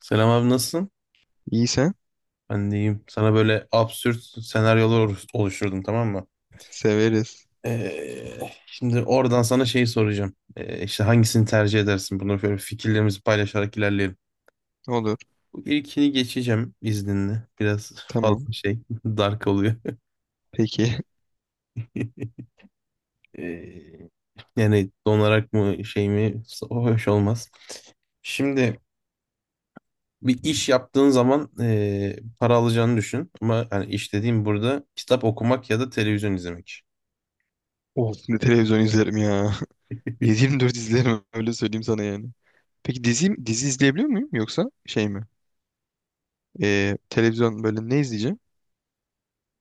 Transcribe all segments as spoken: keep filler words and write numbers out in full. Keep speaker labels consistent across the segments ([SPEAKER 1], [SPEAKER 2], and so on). [SPEAKER 1] Selam abi, nasılsın?
[SPEAKER 2] İyiyse
[SPEAKER 1] Ben de iyiyim. Sana böyle absürt senaryolar oluş- oluşturdum, tamam mı?
[SPEAKER 2] severiz.
[SPEAKER 1] Ee, şimdi oradan sana şeyi soracağım. Ee, işte hangisini tercih edersin? Bunu böyle fikirlerimizi paylaşarak ilerleyelim.
[SPEAKER 2] Olur.
[SPEAKER 1] Bu ilkini geçeceğim izninle. Biraz
[SPEAKER 2] Tamam.
[SPEAKER 1] fazla şey dark oluyor.
[SPEAKER 2] Peki.
[SPEAKER 1] Ee, Yani donarak mı şey mi, o hoş olmaz. Şimdi bir iş yaptığın zaman ee, para alacağını düşün. Ama hani iş dediğim burada kitap okumak ya da televizyon izlemek.
[SPEAKER 2] Of, ne televizyon izlerim ya. yedi dört izlerim, öyle söyleyeyim sana yani. Peki dizi, dizi izleyebiliyor muyum yoksa şey mi? Ee, televizyon böyle ne izleyeceğim?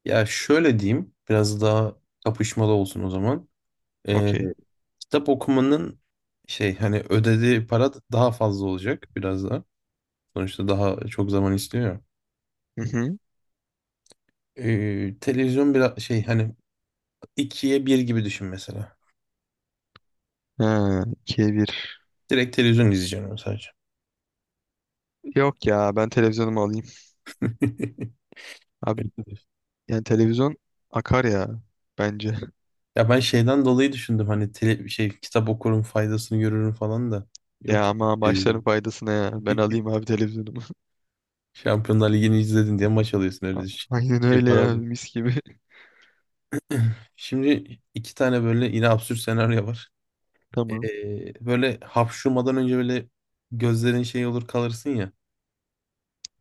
[SPEAKER 1] Ya şöyle diyeyim, biraz daha kapışmalı olsun o zaman. Ee,
[SPEAKER 2] Okey.
[SPEAKER 1] Kitap okumanın şey, hani ödediği para daha fazla olacak biraz da. Sonuçta daha çok zaman istiyor ya.
[SPEAKER 2] Hı hı.
[SPEAKER 1] Ee, televizyon biraz şey, hani ikiye bir gibi düşün mesela.
[SPEAKER 2] Ha, ikiye bir.
[SPEAKER 1] Direkt televizyon izleyeceğim ama sadece.
[SPEAKER 2] Yok ya, ben televizyonumu alayım. Abi, yani televizyon akar ya bence.
[SPEAKER 1] Ya ben şeyden dolayı düşündüm, hani tele, şey kitap okurum faydasını görürüm falan da. Yok
[SPEAKER 2] Ya
[SPEAKER 1] ya,
[SPEAKER 2] ama başların
[SPEAKER 1] televizyon.
[SPEAKER 2] faydasına ya. Ben alayım abi televizyonumu.
[SPEAKER 1] Şampiyonlar Ligi'ni izledin diye maç alıyorsun, öyle
[SPEAKER 2] A-
[SPEAKER 1] düşün.
[SPEAKER 2] Aynen
[SPEAKER 1] Şey
[SPEAKER 2] öyle
[SPEAKER 1] para.
[SPEAKER 2] ya, mis gibi.
[SPEAKER 1] Şimdi iki tane böyle yine absürt senaryo var.
[SPEAKER 2] Tamam.
[SPEAKER 1] Ee, böyle hapşurmadan önce böyle gözlerin şey olur, kalırsın ya.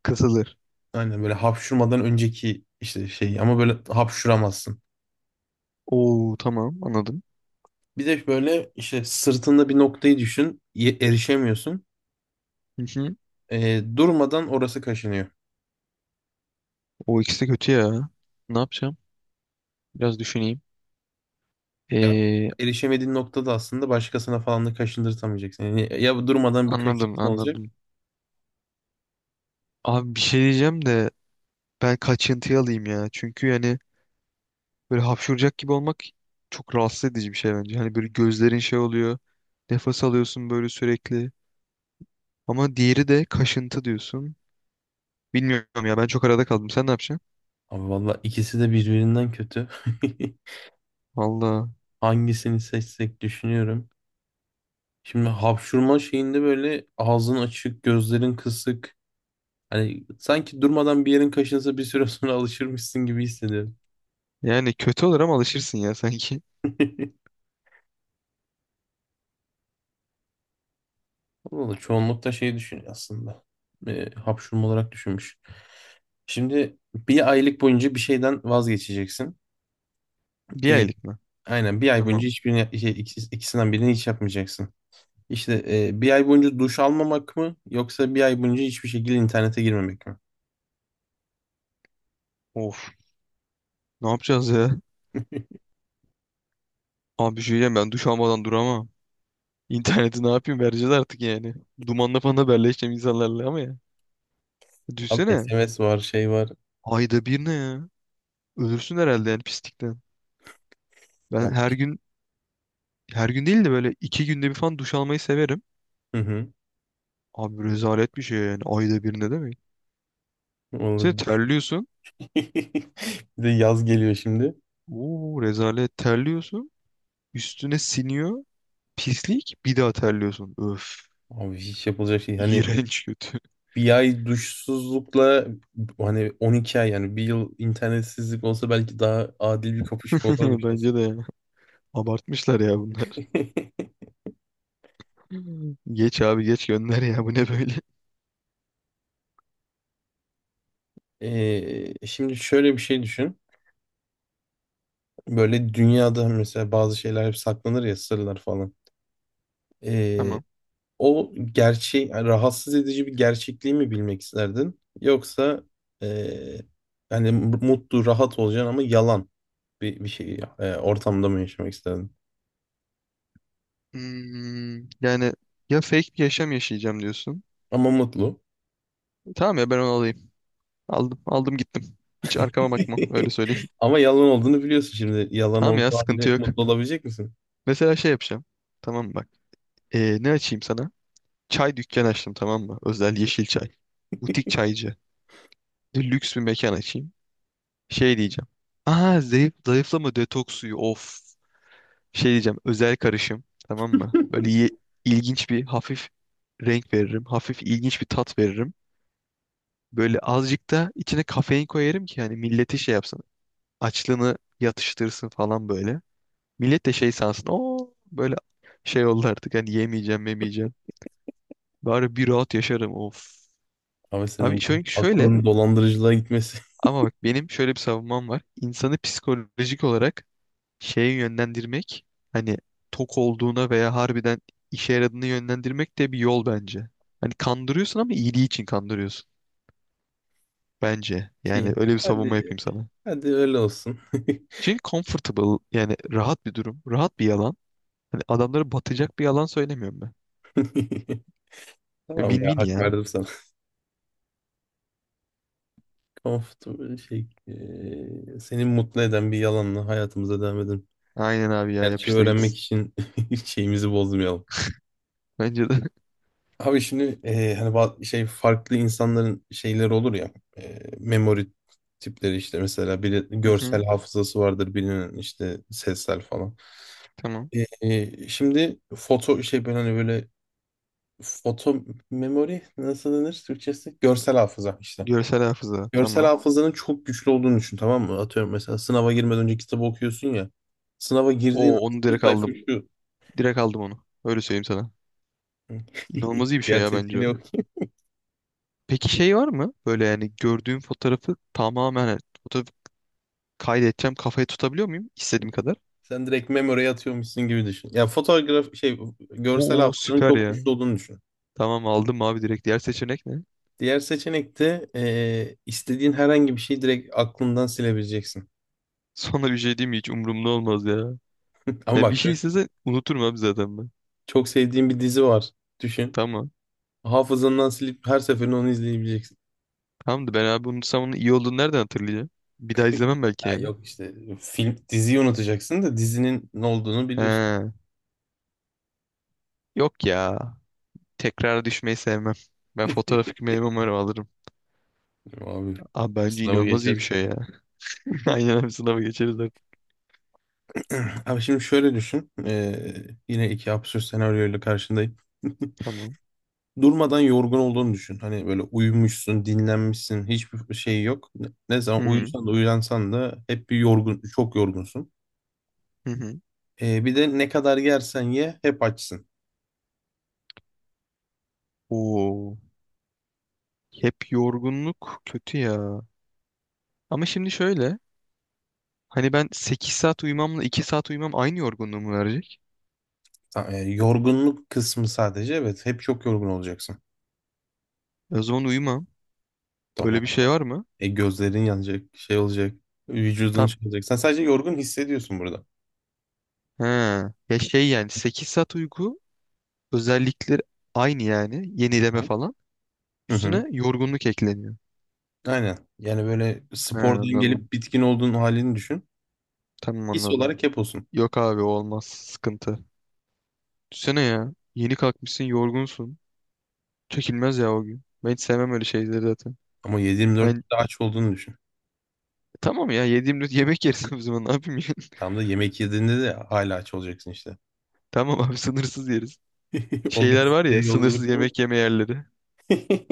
[SPEAKER 2] Kısılır.
[SPEAKER 1] Aynen, böyle hapşurmadan önceki işte şey, ama böyle hapşuramazsın.
[SPEAKER 2] Oo tamam, anladım.
[SPEAKER 1] Bir de böyle işte sırtında bir noktayı düşün, ye- erişemiyorsun. Ee, durmadan orası kaşınıyor.
[SPEAKER 2] O ikisi de kötü ya. Ne yapacağım? Biraz düşüneyim.
[SPEAKER 1] Ya
[SPEAKER 2] Ee,
[SPEAKER 1] erişemediğin noktada aslında başkasına falan da kaşındırtamayacaksın. Yani ya durmadan bir
[SPEAKER 2] anladım
[SPEAKER 1] kaşıntın olacak.
[SPEAKER 2] anladım. Abi bir şey diyeceğim de ben kaçıntıyı alayım ya. Çünkü yani böyle hapşuracak gibi olmak çok rahatsız edici bir şey bence. Hani böyle gözlerin şey oluyor. Nefes alıyorsun böyle sürekli. Ama diğeri de kaşıntı diyorsun. Bilmiyorum ya, ben çok arada kaldım. Sen ne yapacaksın?
[SPEAKER 1] Abi valla ikisi de birbirinden kötü.
[SPEAKER 2] Valla.
[SPEAKER 1] Hangisini seçsek düşünüyorum. Şimdi hapşurma şeyinde böyle ağzın açık, gözlerin kısık. Hani sanki durmadan bir yerin kaşınsa bir süre sonra alışırmışsın gibi hissediyorum.
[SPEAKER 2] Yani kötü olur ama alışırsın ya sanki.
[SPEAKER 1] Valla çoğunlukta şey düşünüyor aslında. E, hapşurma olarak düşünmüş. Şimdi bir aylık boyunca bir şeyden vazgeçeceksin.
[SPEAKER 2] Bir
[SPEAKER 1] E,
[SPEAKER 2] aylık mı?
[SPEAKER 1] aynen, bir ay boyunca
[SPEAKER 2] Tamam.
[SPEAKER 1] hiçbirini, şey, ikisi- ikisinden birini hiç yapmayacaksın. İşte e, bir ay boyunca duş almamak mı yoksa bir ay boyunca hiçbir şekilde internete girmemek mi?
[SPEAKER 2] Of. Ne yapacağız ya? Abi bir şey diyeceğim, ben duş almadan duramam. İnterneti ne yapayım, vereceğiz artık yani. Dumanla falan haberleşeceğim insanlarla ama ya.
[SPEAKER 1] Abi
[SPEAKER 2] Düşünsene.
[SPEAKER 1] S M S var, şey var.
[SPEAKER 2] Ayda bir ne ya? Ölürsün herhalde yani pislikten. Ben
[SPEAKER 1] Yap.
[SPEAKER 2] her gün her gün değil de böyle iki günde bir falan duş almayı severim.
[SPEAKER 1] Hı hı.
[SPEAKER 2] Abi rezalet bir şey yani. Ayda bir ne demek? Sen
[SPEAKER 1] Vallahi.
[SPEAKER 2] terliyorsun.
[SPEAKER 1] Bir de yaz geliyor şimdi.
[SPEAKER 2] Oo rezalet, terliyorsun. Üstüne siniyor. Pislik. Bir daha terliyorsun. Öf.
[SPEAKER 1] Abi hiç yapılacak şey. Hani
[SPEAKER 2] İğrenç, kötü.
[SPEAKER 1] bir ay duşsuzlukla, hani on iki ay yani bir yıl internetsizlik olsa belki daha adil bir kapışma olurmuş
[SPEAKER 2] Bence
[SPEAKER 1] aslında.
[SPEAKER 2] de ya. Abartmışlar ya bunlar. Geç abi, geç gönder ya. Bu ne böyle?
[SPEAKER 1] Ee, şimdi şöyle bir şey düşün. Böyle dünyada mesela bazı şeyler hep saklanır ya, sırlar falan. Ee,
[SPEAKER 2] Tamam.
[SPEAKER 1] O gerçeği yani rahatsız edici bir gerçekliği mi bilmek isterdin? Yoksa ee, hani mutlu rahat olacaksın ama yalan bir, bir şey, e, ortamda mı yaşamak isterdin?
[SPEAKER 2] Hmm, yani ya fake bir yaşam yaşayacağım diyorsun.
[SPEAKER 1] Ama mutlu.
[SPEAKER 2] Tamam ya, ben onu alayım. Aldım, aldım, gittim. Hiç arkama bakmam, öyle söyleyeyim.
[SPEAKER 1] Ama yalan olduğunu biliyorsun şimdi. Yalan
[SPEAKER 2] Tamam ya,
[SPEAKER 1] olduğu halde
[SPEAKER 2] sıkıntı yok.
[SPEAKER 1] mutlu olabilecek misin?
[SPEAKER 2] Mesela şey yapacağım. Tamam mı, bak. Ee, ne açayım sana? Çay dükkanı açtım, tamam mı? Özel yeşil çay. Butik çaycı. Lüks bir mekan açayım. Şey diyeceğim. Aa zayıf, zayıflama detoks suyu, of. Şey diyeceğim, özel karışım, tamam mı? Böyle ye- ilginç bir hafif renk veririm. Hafif ilginç bir tat veririm. Böyle azıcık da içine kafein koyarım ki hani milleti şey yapsın. Açlığını yatıştırsın falan böyle. Millet de şey sansın. Oo böyle şey oldu artık, hani yemeyeceğim, yemeyeceğim. Bari bir rahat yaşarım, of.
[SPEAKER 1] Ama senin
[SPEAKER 2] Abi
[SPEAKER 1] de
[SPEAKER 2] çünkü şöyle,
[SPEAKER 1] aklın dolandırıcılığa gitmesi.
[SPEAKER 2] ama bak, benim şöyle bir savunmam var. İnsanı psikolojik olarak şeye yönlendirmek, hani tok olduğuna veya harbiden işe yaradığını yönlendirmek de bir yol bence. Hani kandırıyorsun ama iyiliği için kandırıyorsun bence. Yani
[SPEAKER 1] ki.
[SPEAKER 2] öyle bir savunma
[SPEAKER 1] Hadi,
[SPEAKER 2] yapayım sana.
[SPEAKER 1] hadi öyle olsun.
[SPEAKER 2] Çünkü comfortable, yani rahat bir durum. Rahat bir yalan. Hani adamları batacak bir yalan söylemiyorum ben.
[SPEAKER 1] Tamam ya,
[SPEAKER 2] Win-win
[SPEAKER 1] hak
[SPEAKER 2] ya.
[SPEAKER 1] verdim sana. Comfortable şey, e, seni mutlu eden bir yalanla hayatımıza devam edelim.
[SPEAKER 2] Aynen abi ya,
[SPEAKER 1] Gerçeği
[SPEAKER 2] yapıştır
[SPEAKER 1] öğrenmek
[SPEAKER 2] gitsin.
[SPEAKER 1] için şeyimizi bozmayalım.
[SPEAKER 2] Bence de.
[SPEAKER 1] Abi şimdi e, hani ba- şey farklı insanların şeyleri olur ya, e, memory tipleri işte, mesela biri
[SPEAKER 2] Hı
[SPEAKER 1] görsel
[SPEAKER 2] hı,
[SPEAKER 1] hafızası vardır, birinin işte sessel falan.
[SPEAKER 2] tamam.
[SPEAKER 1] E, e, şimdi foto şey, ben hani böyle foto memory nasıl denir Türkçesi? Görsel hafıza işte.
[SPEAKER 2] Görsel hafıza.
[SPEAKER 1] Görsel
[SPEAKER 2] Tamam.
[SPEAKER 1] hafızanın çok güçlü olduğunu düşün, tamam mı? Atıyorum, mesela sınava girmeden önce kitabı okuyorsun ya. Sınava girdiğin an
[SPEAKER 2] O, onu
[SPEAKER 1] şu
[SPEAKER 2] direkt
[SPEAKER 1] sayfa
[SPEAKER 2] aldım.
[SPEAKER 1] şu.
[SPEAKER 2] Direkt aldım onu. Öyle söyleyeyim sana. İnanılmaz iyi bir şey
[SPEAKER 1] Diğer
[SPEAKER 2] ya bence
[SPEAKER 1] seçeneği,
[SPEAKER 2] o. Peki şey var mı? Böyle yani gördüğüm fotoğrafı tamamen, hani fotoğrafı kaydedeceğim, kafayı tutabiliyor muyum istediğim kadar?
[SPEAKER 1] sen direkt memory'e atıyormuşsun gibi düşün. Ya fotoğraf şey, görsel
[SPEAKER 2] Oo
[SPEAKER 1] hafızanın
[SPEAKER 2] süper
[SPEAKER 1] çok
[SPEAKER 2] ya.
[SPEAKER 1] güçlü olduğunu düşün.
[SPEAKER 2] Tamam, aldım abi direkt. Diğer seçenek ne?
[SPEAKER 1] Diğer seçenek de eee, istediğin herhangi bir şeyi direkt aklından silebileceksin.
[SPEAKER 2] Sonra bir şey diyeyim mi? Hiç umurumda olmaz ya.
[SPEAKER 1] Ama
[SPEAKER 2] Ya bir
[SPEAKER 1] bak
[SPEAKER 2] şey
[SPEAKER 1] şöyle,
[SPEAKER 2] istese unuturum abi zaten ben.
[SPEAKER 1] çok sevdiğin bir dizi var. Düşün.
[SPEAKER 2] Tamam.
[SPEAKER 1] Hafızandan silip her seferinde onu izleyebileceksin.
[SPEAKER 2] Tamam da ben abi unutsam onun iyi olduğunu nereden hatırlayacağım? Bir daha izlemem belki
[SPEAKER 1] Ha,
[SPEAKER 2] yani.
[SPEAKER 1] yok işte film diziyi unutacaksın da dizinin ne olduğunu biliyorsun.
[SPEAKER 2] He. Yok ya. Tekrar düşmeyi sevmem. Ben fotoğrafik meyve umarım alırım.
[SPEAKER 1] Abi
[SPEAKER 2] Abi bence
[SPEAKER 1] sınavı
[SPEAKER 2] inanılmaz iyi bir şey
[SPEAKER 1] geçersin.
[SPEAKER 2] ya. Aynen abi, sınava geçeriz artık.
[SPEAKER 1] Abi şimdi şöyle düşün. Eee, yine iki absürt senaryoyla karşındayım.
[SPEAKER 2] Tamam.
[SPEAKER 1] Durmadan yorgun olduğunu düşün. Hani böyle uyumuşsun, dinlenmişsin, hiçbir şey yok. Ne ne zaman
[SPEAKER 2] Hı
[SPEAKER 1] uyusan da uyansan da hep bir yorgun, çok yorgunsun.
[SPEAKER 2] hı. Hı.
[SPEAKER 1] Ee, bir de ne kadar yersen ye hep açsın.
[SPEAKER 2] Oo. Hep yorgunluk kötü ya. Ama şimdi şöyle. Hani ben sekiz saat uyumamla iki saat uyumam aynı yorgunluğumu verecek.
[SPEAKER 1] Ta- e, yorgunluk kısmı sadece, evet, hep çok yorgun olacaksın.
[SPEAKER 2] E, o zaman uyumam.
[SPEAKER 1] Tamam.
[SPEAKER 2] Öyle bir şey var mı?
[SPEAKER 1] E, gözlerin yanacak, şey olacak, vücudun
[SPEAKER 2] Tam.
[SPEAKER 1] şey olacak. Sen sadece yorgun hissediyorsun burada.
[SPEAKER 2] He. Ya şey, yani sekiz saat uyku özellikleri aynı yani. Yenileme
[SPEAKER 1] Hı
[SPEAKER 2] falan.
[SPEAKER 1] hı, hı.
[SPEAKER 2] Üstüne yorgunluk ekleniyor.
[SPEAKER 1] Aynen. Yani böyle
[SPEAKER 2] He,
[SPEAKER 1] spordan
[SPEAKER 2] anladım.
[SPEAKER 1] gelip bitkin olduğun halini düşün.
[SPEAKER 2] Tamam,
[SPEAKER 1] His
[SPEAKER 2] anladım.
[SPEAKER 1] olarak hep olsun.
[SPEAKER 2] Yok abi, o olmaz. Sıkıntı. Düşsene ya. Yeni kalkmışsın, yorgunsun. Çekilmez ya o gün. Ben hiç sevmem öyle şeyleri zaten.
[SPEAKER 1] Ama yedi yirmi dört bir
[SPEAKER 2] Ben,
[SPEAKER 1] de aç olduğunu düşün.
[SPEAKER 2] tamam ya, yediğim yemek yeriz o zaman, ne yapayım ya.
[SPEAKER 1] Tam da yemek yediğinde de hala aç olacaksın işte.
[SPEAKER 2] Tamam abi, sınırsız yeriz.
[SPEAKER 1] O bir
[SPEAKER 2] Şeyler var ya,
[SPEAKER 1] şey
[SPEAKER 2] sınırsız
[SPEAKER 1] yolculuk, değil mi?
[SPEAKER 2] yemek yeme yerleri.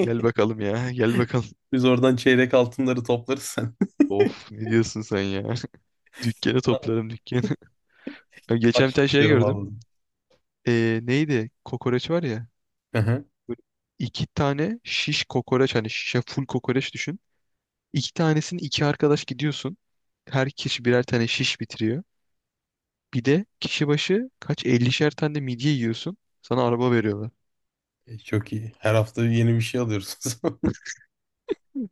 [SPEAKER 2] Gel bakalım ya, gel bakalım.
[SPEAKER 1] Biz oradan çeyrek altınları toplarız sen.
[SPEAKER 2] Of, ne diyorsun sen ya. Dükkanı toplarım, dükkanı. Ya geçen bir
[SPEAKER 1] Açlık
[SPEAKER 2] tane şey
[SPEAKER 1] diyorum
[SPEAKER 2] gördüm.
[SPEAKER 1] vallahi.
[SPEAKER 2] Ee, neydi? Kokoreç var ya.
[SPEAKER 1] Hı hı.
[SPEAKER 2] Böyle iki tane şiş kokoreç, hani şişe full kokoreç düşün. İki tanesini iki arkadaş gidiyorsun. Her kişi birer tane şiş bitiriyor. Bir de kişi başı kaç, ellişer tane de midye yiyorsun. Sana araba veriyorlar.
[SPEAKER 1] E, Çok iyi. Her hafta yeni bir şey alıyoruz. O zaman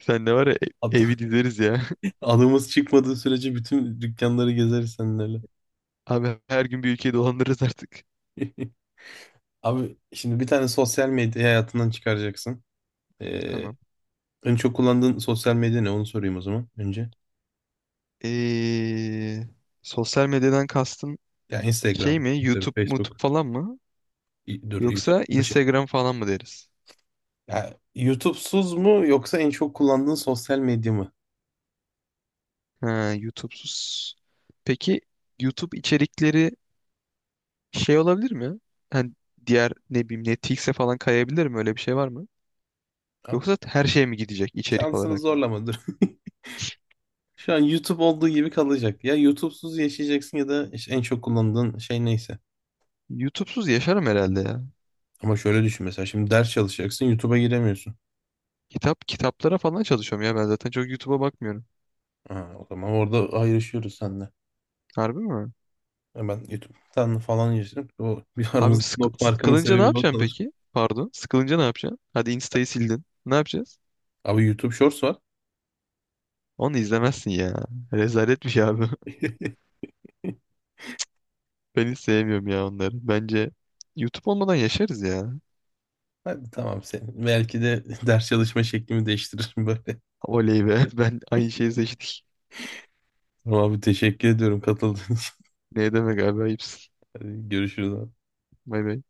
[SPEAKER 2] Sen de var ya, e-
[SPEAKER 1] Ad-
[SPEAKER 2] evi dizeriz ya.
[SPEAKER 1] adımız çıkmadığı sürece bütün dükkanları gezeriz seninle.
[SPEAKER 2] Abi her gün bir ülkeyi dolandırırız artık.
[SPEAKER 1] Abi şimdi bir tane sosyal medya hayatından çıkaracaksın. Ee,
[SPEAKER 2] Tamam.
[SPEAKER 1] En çok kullandığın sosyal medya ne? Onu sorayım o zaman önce.
[SPEAKER 2] Ee, sosyal medyadan kastın
[SPEAKER 1] Ya
[SPEAKER 2] şey
[SPEAKER 1] Instagram,
[SPEAKER 2] mi?
[SPEAKER 1] Twitter,
[SPEAKER 2] YouTube, YouTube
[SPEAKER 1] Facebook,
[SPEAKER 2] falan mı?
[SPEAKER 1] y- dur, YouTube.
[SPEAKER 2] Yoksa
[SPEAKER 1] Şey,
[SPEAKER 2] Instagram falan mı deriz?
[SPEAKER 1] ya, YouTube'suz mu yoksa en çok kullandığın sosyal medya mı?
[SPEAKER 2] Ha, YouTube'suz. Peki YouTube içerikleri şey olabilir mi ya? Hani diğer, ne bileyim, Netflix'e falan kayabilir mi? Öyle bir şey var mı?
[SPEAKER 1] Ya,
[SPEAKER 2] Yoksa her şeye mi gidecek içerik
[SPEAKER 1] şansını
[SPEAKER 2] olarak?
[SPEAKER 1] zorlamadır. Şu an YouTube olduğu gibi kalacak. Ya YouTube'suz yaşayacaksın ya da işte en çok kullandığın şey neyse.
[SPEAKER 2] YouTube'suz yaşarım herhalde ya.
[SPEAKER 1] Ama şöyle düşün, mesela şimdi ders çalışacaksın YouTube'a giremiyorsun.
[SPEAKER 2] Kitap, kitaplara falan çalışıyorum ya, ben zaten çok YouTube'a bakmıyorum.
[SPEAKER 1] Ha, o zaman orada ayrışıyoruz seninle.
[SPEAKER 2] Harbi mi?
[SPEAKER 1] Ya, ben YouTube'dan falan yaşadım. O bir,
[SPEAKER 2] Abi
[SPEAKER 1] aramızdaki not
[SPEAKER 2] sıkı-
[SPEAKER 1] farkının
[SPEAKER 2] sıkılınca ne
[SPEAKER 1] sebebi de o.
[SPEAKER 2] yapacaksın peki? Pardon. Sıkılınca ne yapacaksın? Hadi Insta'yı sildin. Ne yapacağız?
[SPEAKER 1] Abi YouTube Shorts var.
[SPEAKER 2] Onu izlemezsin ya. Rezalet bir şey abi. Ben hiç sevmiyorum ya onları. Bence YouTube olmadan yaşarız ya.
[SPEAKER 1] Hadi tamam sen. Belki de ders çalışma şeklimi değiştiririm böyle.
[SPEAKER 2] Oley be. Ben aynı şeyi seçtik.
[SPEAKER 1] Tamam abi, teşekkür ediyorum katıldığın için.
[SPEAKER 2] Ne demek abi, ayıpsın.
[SPEAKER 1] Hadi görüşürüz abi.
[SPEAKER 2] Bay bay.